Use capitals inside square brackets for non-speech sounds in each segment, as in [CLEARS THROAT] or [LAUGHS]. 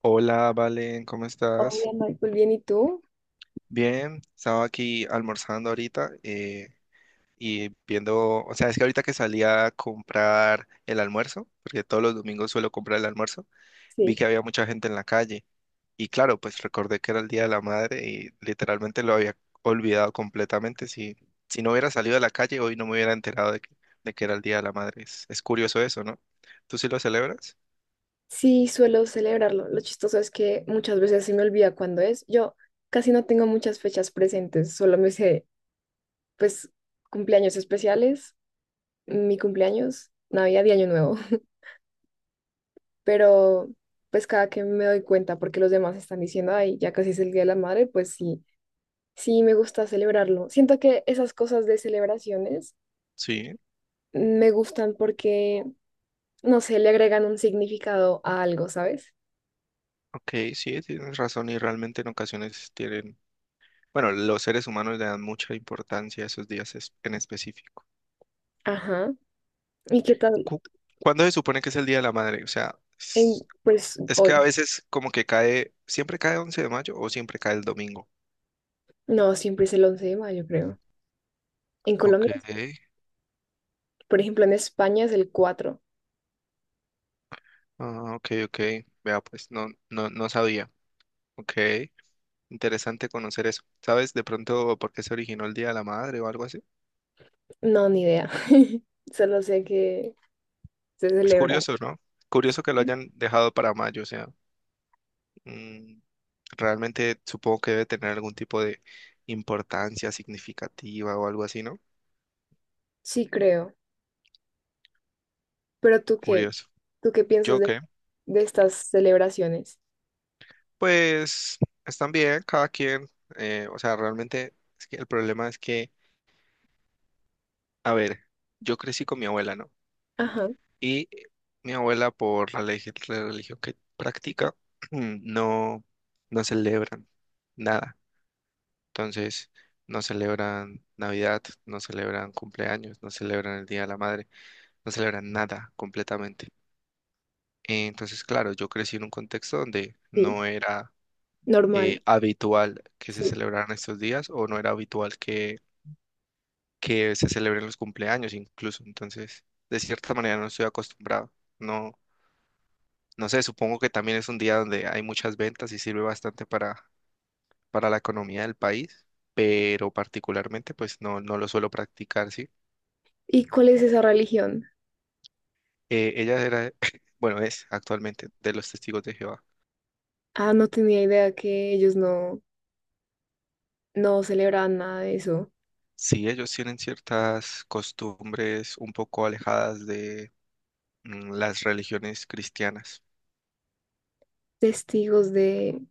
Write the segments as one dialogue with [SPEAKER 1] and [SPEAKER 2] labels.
[SPEAKER 1] Hola, Valen, ¿cómo estás?
[SPEAKER 2] Hola Michael, bien, ¿y tú?
[SPEAKER 1] Bien, estaba aquí almorzando ahorita y viendo, o sea, es que ahorita que salí a comprar el almuerzo, porque todos los domingos suelo comprar el almuerzo, vi
[SPEAKER 2] Sí.
[SPEAKER 1] que había mucha gente en la calle y claro, pues recordé que era el Día de la Madre y literalmente lo había olvidado completamente. Si, si no hubiera salido a la calle, hoy no me hubiera enterado de que era el Día de la Madre. Es curioso eso, ¿no? ¿Tú sí lo celebras?
[SPEAKER 2] Sí, suelo celebrarlo. Lo chistoso es que muchas veces se me olvida cuándo es. Yo casi no tengo muchas fechas presentes, solo me sé, pues, cumpleaños especiales, mi cumpleaños, Navidad y Año Nuevo. [LAUGHS] Pero, pues, cada que me doy cuenta, porque los demás están diciendo, ay, ya casi es el Día de la Madre, pues sí, sí me gusta celebrarlo. Siento que esas cosas de celebraciones
[SPEAKER 1] Sí.
[SPEAKER 2] me gustan porque, no sé, le agregan un significado a algo, ¿sabes?
[SPEAKER 1] Ok, sí, tienes razón y realmente en ocasiones tienen. Bueno, los seres humanos le dan mucha importancia a esos días en específico.
[SPEAKER 2] Ajá. ¿Y qué tal?
[SPEAKER 1] Cu- ¿Cuándo se supone que es el Día de la Madre? O sea, es
[SPEAKER 2] En, pues
[SPEAKER 1] es que a
[SPEAKER 2] hoy,
[SPEAKER 1] veces como que cae, siempre cae 11 de mayo o siempre cae el domingo.
[SPEAKER 2] no, siempre es el 11 de mayo, creo. En
[SPEAKER 1] Ok,
[SPEAKER 2] Colombia, por ejemplo, en España es el 4.
[SPEAKER 1] ah, ok, ok. Vea, pues no, no, no sabía. Ok, interesante conocer eso. ¿Sabes de pronto por qué se originó el Día de la Madre o algo así?
[SPEAKER 2] No, ni idea. [LAUGHS] Solo sé que se
[SPEAKER 1] Es
[SPEAKER 2] celebra.
[SPEAKER 1] curioso, ¿no? Curioso que lo hayan dejado para mayo, o sea, mm, realmente supongo que debe tener algún tipo de importancia significativa o algo así, ¿no?
[SPEAKER 2] Sí, creo. Pero
[SPEAKER 1] Curioso.
[SPEAKER 2] ¿tú qué piensas
[SPEAKER 1] ¿Yo qué?
[SPEAKER 2] de estas celebraciones?
[SPEAKER 1] Pues están bien, cada quien. O sea, realmente es que el problema es que, a ver, yo crecí con mi abuela, ¿no?
[SPEAKER 2] Ajá,
[SPEAKER 1] Y mi abuela, la religión que practica, [CLEARS THROAT] no, no celebran nada. Entonces, no celebran Navidad, no celebran cumpleaños, no celebran el Día de la Madre, no celebran nada completamente. Entonces, claro, yo crecí en un contexto donde
[SPEAKER 2] sí,
[SPEAKER 1] no era
[SPEAKER 2] normal,
[SPEAKER 1] habitual que se
[SPEAKER 2] sí.
[SPEAKER 1] celebraran estos días o no era habitual que se celebren los cumpleaños incluso. Entonces, de cierta manera no estoy acostumbrado. No, no sé, supongo que también es un día donde hay muchas ventas y sirve bastante para la economía del país, pero particularmente pues no lo suelo practicar, ¿sí?
[SPEAKER 2] ¿Y cuál es esa religión?
[SPEAKER 1] Ella era, [LAUGHS] bueno, es actualmente de los Testigos de Jehová.
[SPEAKER 2] Ah, no tenía idea que ellos no, no celebraban nada de eso.
[SPEAKER 1] Sí, ellos tienen ciertas costumbres un poco alejadas de las religiones cristianas
[SPEAKER 2] Testigos de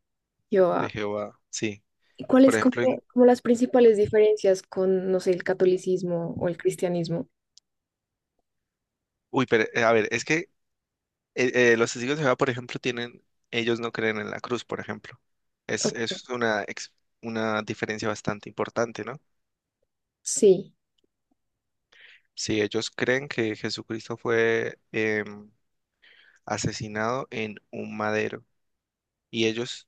[SPEAKER 1] de
[SPEAKER 2] Jehová.
[SPEAKER 1] Jehová. Sí,
[SPEAKER 2] ¿Y
[SPEAKER 1] por
[SPEAKER 2] cuáles
[SPEAKER 1] ejemplo, en...
[SPEAKER 2] como, como las principales diferencias con, no sé, el catolicismo o el cristianismo?
[SPEAKER 1] uy, pero a ver, es que los testigos de Jehová, por ejemplo, tienen, ellos no creen en la cruz, por ejemplo. Es,
[SPEAKER 2] Oh,
[SPEAKER 1] es una diferencia bastante importante, ¿no?
[SPEAKER 2] sí,
[SPEAKER 1] Sí, ellos creen que Jesucristo fue asesinado en un madero y ellos,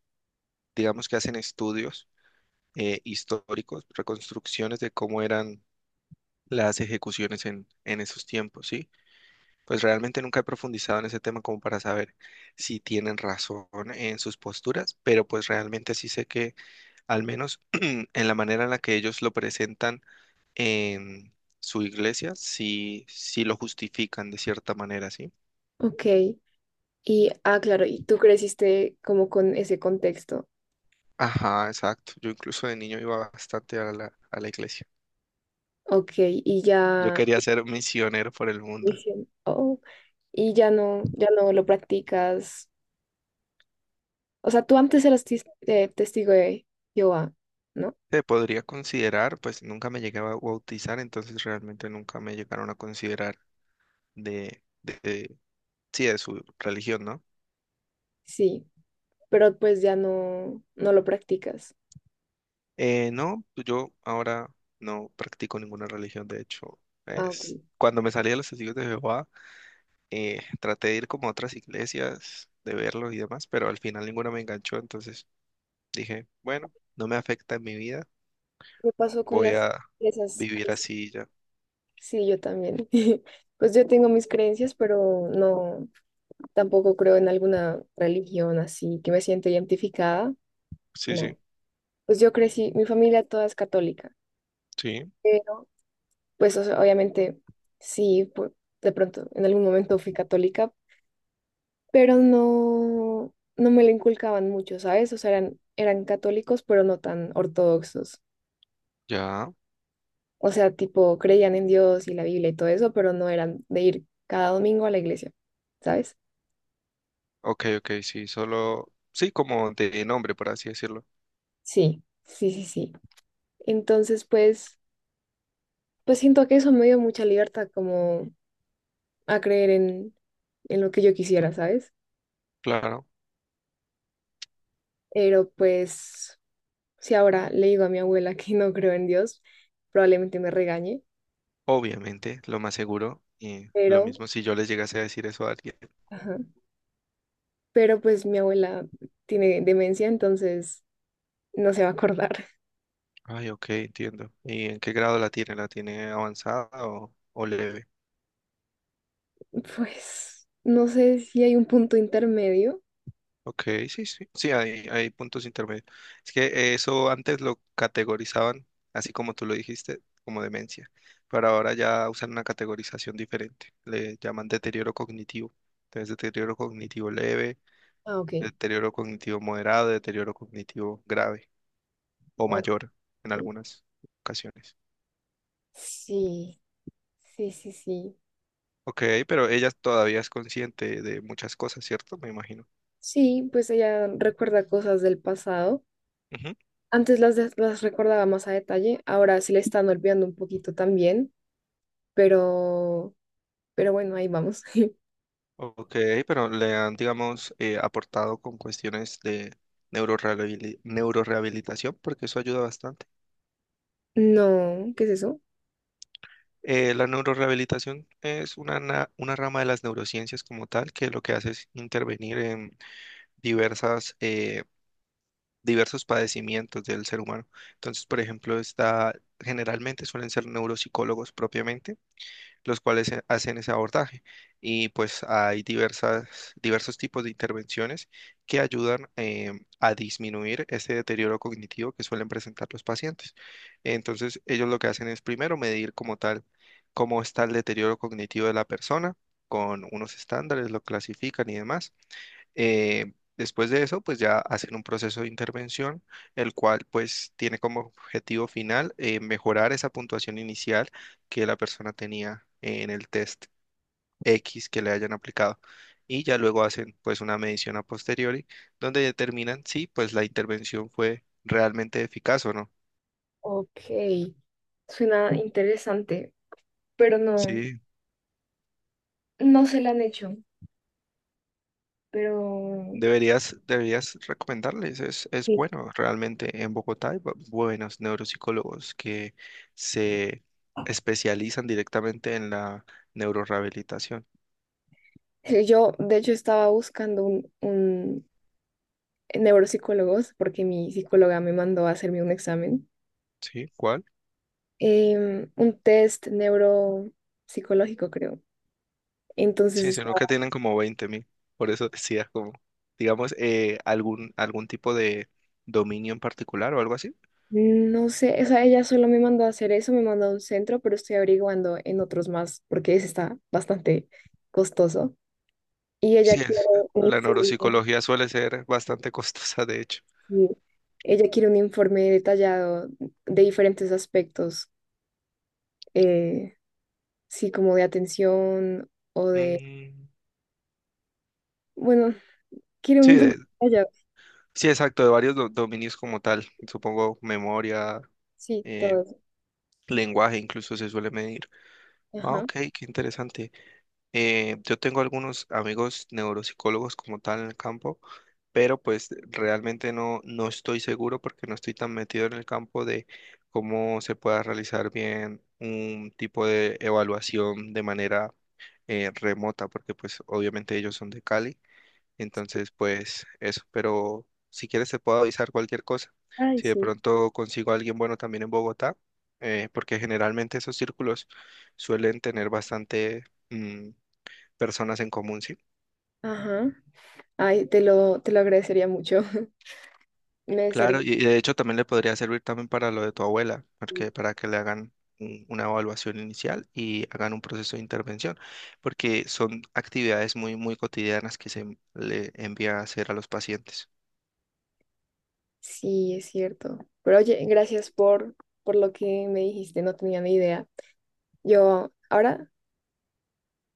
[SPEAKER 1] digamos que hacen estudios históricos, reconstrucciones de cómo eran las ejecuciones en esos tiempos, ¿sí? Pues realmente nunca he profundizado en ese tema como para saber si tienen razón en sus posturas, pero pues realmente sí sé que al menos [CLEARS THROAT] en la manera en la que ellos lo presentan en su iglesia, sí, sí lo justifican de cierta manera, ¿sí?
[SPEAKER 2] ok. Y, ah, claro, y tú creciste como con ese contexto.
[SPEAKER 1] Ajá, exacto. Yo incluso de niño iba bastante a la iglesia.
[SPEAKER 2] Ok, y
[SPEAKER 1] Yo
[SPEAKER 2] ya,
[SPEAKER 1] quería ser misionero por el mundo.
[SPEAKER 2] dicen, oh, y ya no, ya no lo practicas. O sea, tú antes eras testigo de Jehová, ¿no?
[SPEAKER 1] Se podría considerar, pues nunca me llegué a bautizar, entonces realmente nunca me llegaron a considerar de, de- de- sí, de su religión, ¿no?
[SPEAKER 2] Sí, pero pues ya no, no lo practicas.
[SPEAKER 1] No, pues, yo ahora no practico ninguna religión, de hecho,
[SPEAKER 2] Ah, ok.
[SPEAKER 1] cuando me salí de los testigos de Jehová, traté de ir como a otras iglesias, de verlos y demás, pero al final ninguna me enganchó, entonces dije, bueno, no me afecta en mi vida,
[SPEAKER 2] ¿Qué pasó con
[SPEAKER 1] voy
[SPEAKER 2] las
[SPEAKER 1] a
[SPEAKER 2] esas?
[SPEAKER 1] vivir así y ya.
[SPEAKER 2] Sí, yo también. [LAUGHS] Pues yo tengo mis creencias, pero no, tampoco creo en alguna religión así que me siento identificada.
[SPEAKER 1] Sí, sí,
[SPEAKER 2] No. Pues yo crecí, mi familia toda es católica,
[SPEAKER 1] sí,
[SPEAKER 2] pero pues o sea, obviamente sí, de pronto en algún momento fui católica, pero no, no me lo inculcaban mucho, ¿sabes? O sea, eran, eran católicos, pero no tan ortodoxos.
[SPEAKER 1] ya,
[SPEAKER 2] O sea, tipo, creían en Dios y la Biblia y todo eso, pero no eran de ir cada domingo a la iglesia, ¿sabes?
[SPEAKER 1] ok, ok, sí, solo, sí, como de nombre, por así decirlo,
[SPEAKER 2] Sí, sí, sí, sí. Entonces, pues, pues siento que eso me dio mucha libertad como a creer en lo que yo quisiera, ¿sabes?
[SPEAKER 1] claro.
[SPEAKER 2] Pero pues, si ahora le digo a mi abuela [LAUGHS] que no creo en Dios, probablemente me regañe,
[SPEAKER 1] Obviamente, lo más seguro, y lo
[SPEAKER 2] pero,
[SPEAKER 1] mismo si yo les llegase a decir eso a alguien.
[SPEAKER 2] ajá, pero pues mi abuela tiene demencia, entonces no se va a acordar.
[SPEAKER 1] Ay, ok, entiendo. ¿Y en qué grado la tiene? ¿La tiene avanzada o leve?
[SPEAKER 2] [LAUGHS] Pues, no sé si hay un punto intermedio.
[SPEAKER 1] Ok, sí, sí, sí, hay puntos intermedios. Es que eso antes lo categorizaban, así como tú lo dijiste, como demencia, pero ahora ya usan una categorización diferente. Le llaman deterioro cognitivo. Entonces, deterioro cognitivo leve,
[SPEAKER 2] Ah, ok.
[SPEAKER 1] deterioro cognitivo moderado, deterioro cognitivo grave o
[SPEAKER 2] Ok.
[SPEAKER 1] mayor en algunas ocasiones.
[SPEAKER 2] Sí, sí, sí, sí.
[SPEAKER 1] Ok, pero ella todavía es consciente de muchas cosas, ¿cierto? Me imagino.
[SPEAKER 2] Sí, pues ella recuerda cosas del pasado.
[SPEAKER 1] Ujú.
[SPEAKER 2] Antes las, las recordaba más a detalle, ahora se le están olvidando un poquito también, pero, pero bueno, ahí vamos. [LAUGHS]
[SPEAKER 1] Ok, pero le han, digamos, aportado con cuestiones de neurorehabilitación, porque eso ayuda bastante.
[SPEAKER 2] No, ¿qué es eso?
[SPEAKER 1] La neurorehabilitación es una rama de las neurociencias como tal, que lo que hace es intervenir en diversas, eh, diversos padecimientos del ser humano. Entonces, por ejemplo, está, generalmente suelen ser neuropsicólogos propiamente los cuales hacen ese abordaje. Y pues hay diversos tipos de intervenciones que ayudan a disminuir este deterioro cognitivo que suelen presentar los pacientes. Entonces, ellos lo que hacen es primero medir como tal cómo está el deterioro cognitivo de la persona con unos estándares, lo clasifican y demás. Después de eso, pues ya hacen un proceso de intervención, el cual pues tiene como objetivo final mejorar esa puntuación inicial que la persona tenía en el test X que le hayan aplicado. Y ya luego hacen pues una medición a posteriori donde determinan si pues la intervención fue realmente eficaz o no.
[SPEAKER 2] Ok, suena interesante, pero no,
[SPEAKER 1] Sí,
[SPEAKER 2] no se la han hecho, pero
[SPEAKER 1] deberías recomendarles, es
[SPEAKER 2] sí.
[SPEAKER 1] bueno, realmente en Bogotá hay buenos neuropsicólogos que se especializan directamente en la neurorehabilitación,
[SPEAKER 2] Sí, yo, de hecho, estaba buscando un neuropsicólogo porque mi psicóloga me mandó a hacerme un examen,
[SPEAKER 1] ¿sí? ¿Cuál?
[SPEAKER 2] un test neuropsicológico, creo. Entonces
[SPEAKER 1] Sí, sino
[SPEAKER 2] estaba,
[SPEAKER 1] que tienen como 20.000, por eso decía como, digamos, algún tipo de dominio en particular o algo así.
[SPEAKER 2] no sé, o sea, ella solo me mandó a hacer eso, me mandó a un centro, pero estoy averiguando en otros más porque ese está bastante costoso. Y ella
[SPEAKER 1] Sí,
[SPEAKER 2] quiere un
[SPEAKER 1] la
[SPEAKER 2] informe,
[SPEAKER 1] neuropsicología suele ser bastante costosa, de hecho.
[SPEAKER 2] sí, ella quiere un informe detallado de diferentes aspectos, eh, sí, como de atención o de,
[SPEAKER 1] Mm,
[SPEAKER 2] bueno, quiere un
[SPEAKER 1] sí,
[SPEAKER 2] informe detallado,
[SPEAKER 1] sí, exacto, de varios dominios como tal. Supongo memoria,
[SPEAKER 2] sí, todo
[SPEAKER 1] eh,
[SPEAKER 2] eso.
[SPEAKER 1] lenguaje incluso se suele medir. Ah,
[SPEAKER 2] Ajá.
[SPEAKER 1] ok, qué interesante. Yo tengo algunos amigos neuropsicólogos como tal en el campo, pero pues realmente no estoy seguro porque no estoy tan metido en el campo de cómo se pueda realizar bien un tipo de evaluación de manera remota, porque pues obviamente ellos son de Cali entonces, pues eso, pero si quieres te puedo avisar cualquier cosa.
[SPEAKER 2] Ay,
[SPEAKER 1] Si de
[SPEAKER 2] sí.
[SPEAKER 1] pronto consigo a alguien bueno también en Bogotá, porque generalmente esos círculos suelen tener bastante mm, personas en común, sí.
[SPEAKER 2] Ajá. Ay, te lo agradecería mucho. [LAUGHS] Me
[SPEAKER 1] Claro,
[SPEAKER 2] sirvió.
[SPEAKER 1] y de hecho también le podría servir también para lo de tu abuela, porque para que le hagan una evaluación inicial y hagan un proceso de intervención, porque son actividades muy, muy cotidianas que se le envía a hacer a los pacientes.
[SPEAKER 2] Sí, es cierto. Pero oye, gracias por lo que me dijiste, no tenía ni idea. Yo ahora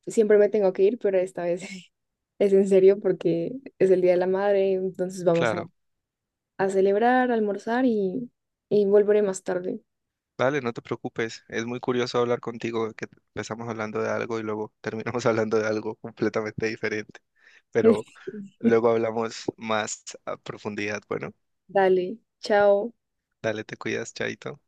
[SPEAKER 2] siempre me tengo que ir, pero esta vez [LAUGHS] es en serio porque es el Día de la Madre, entonces vamos
[SPEAKER 1] Claro.
[SPEAKER 2] a celebrar, a almorzar y volveré más tarde.
[SPEAKER 1] Vale, no te preocupes. Es muy curioso hablar contigo, que empezamos hablando de algo y luego terminamos [LAUGHS] hablando de algo completamente diferente. Pero
[SPEAKER 2] [LAUGHS]
[SPEAKER 1] luego hablamos más a profundidad. Bueno,
[SPEAKER 2] Dale, chao.
[SPEAKER 1] dale, te cuidas, Chaito.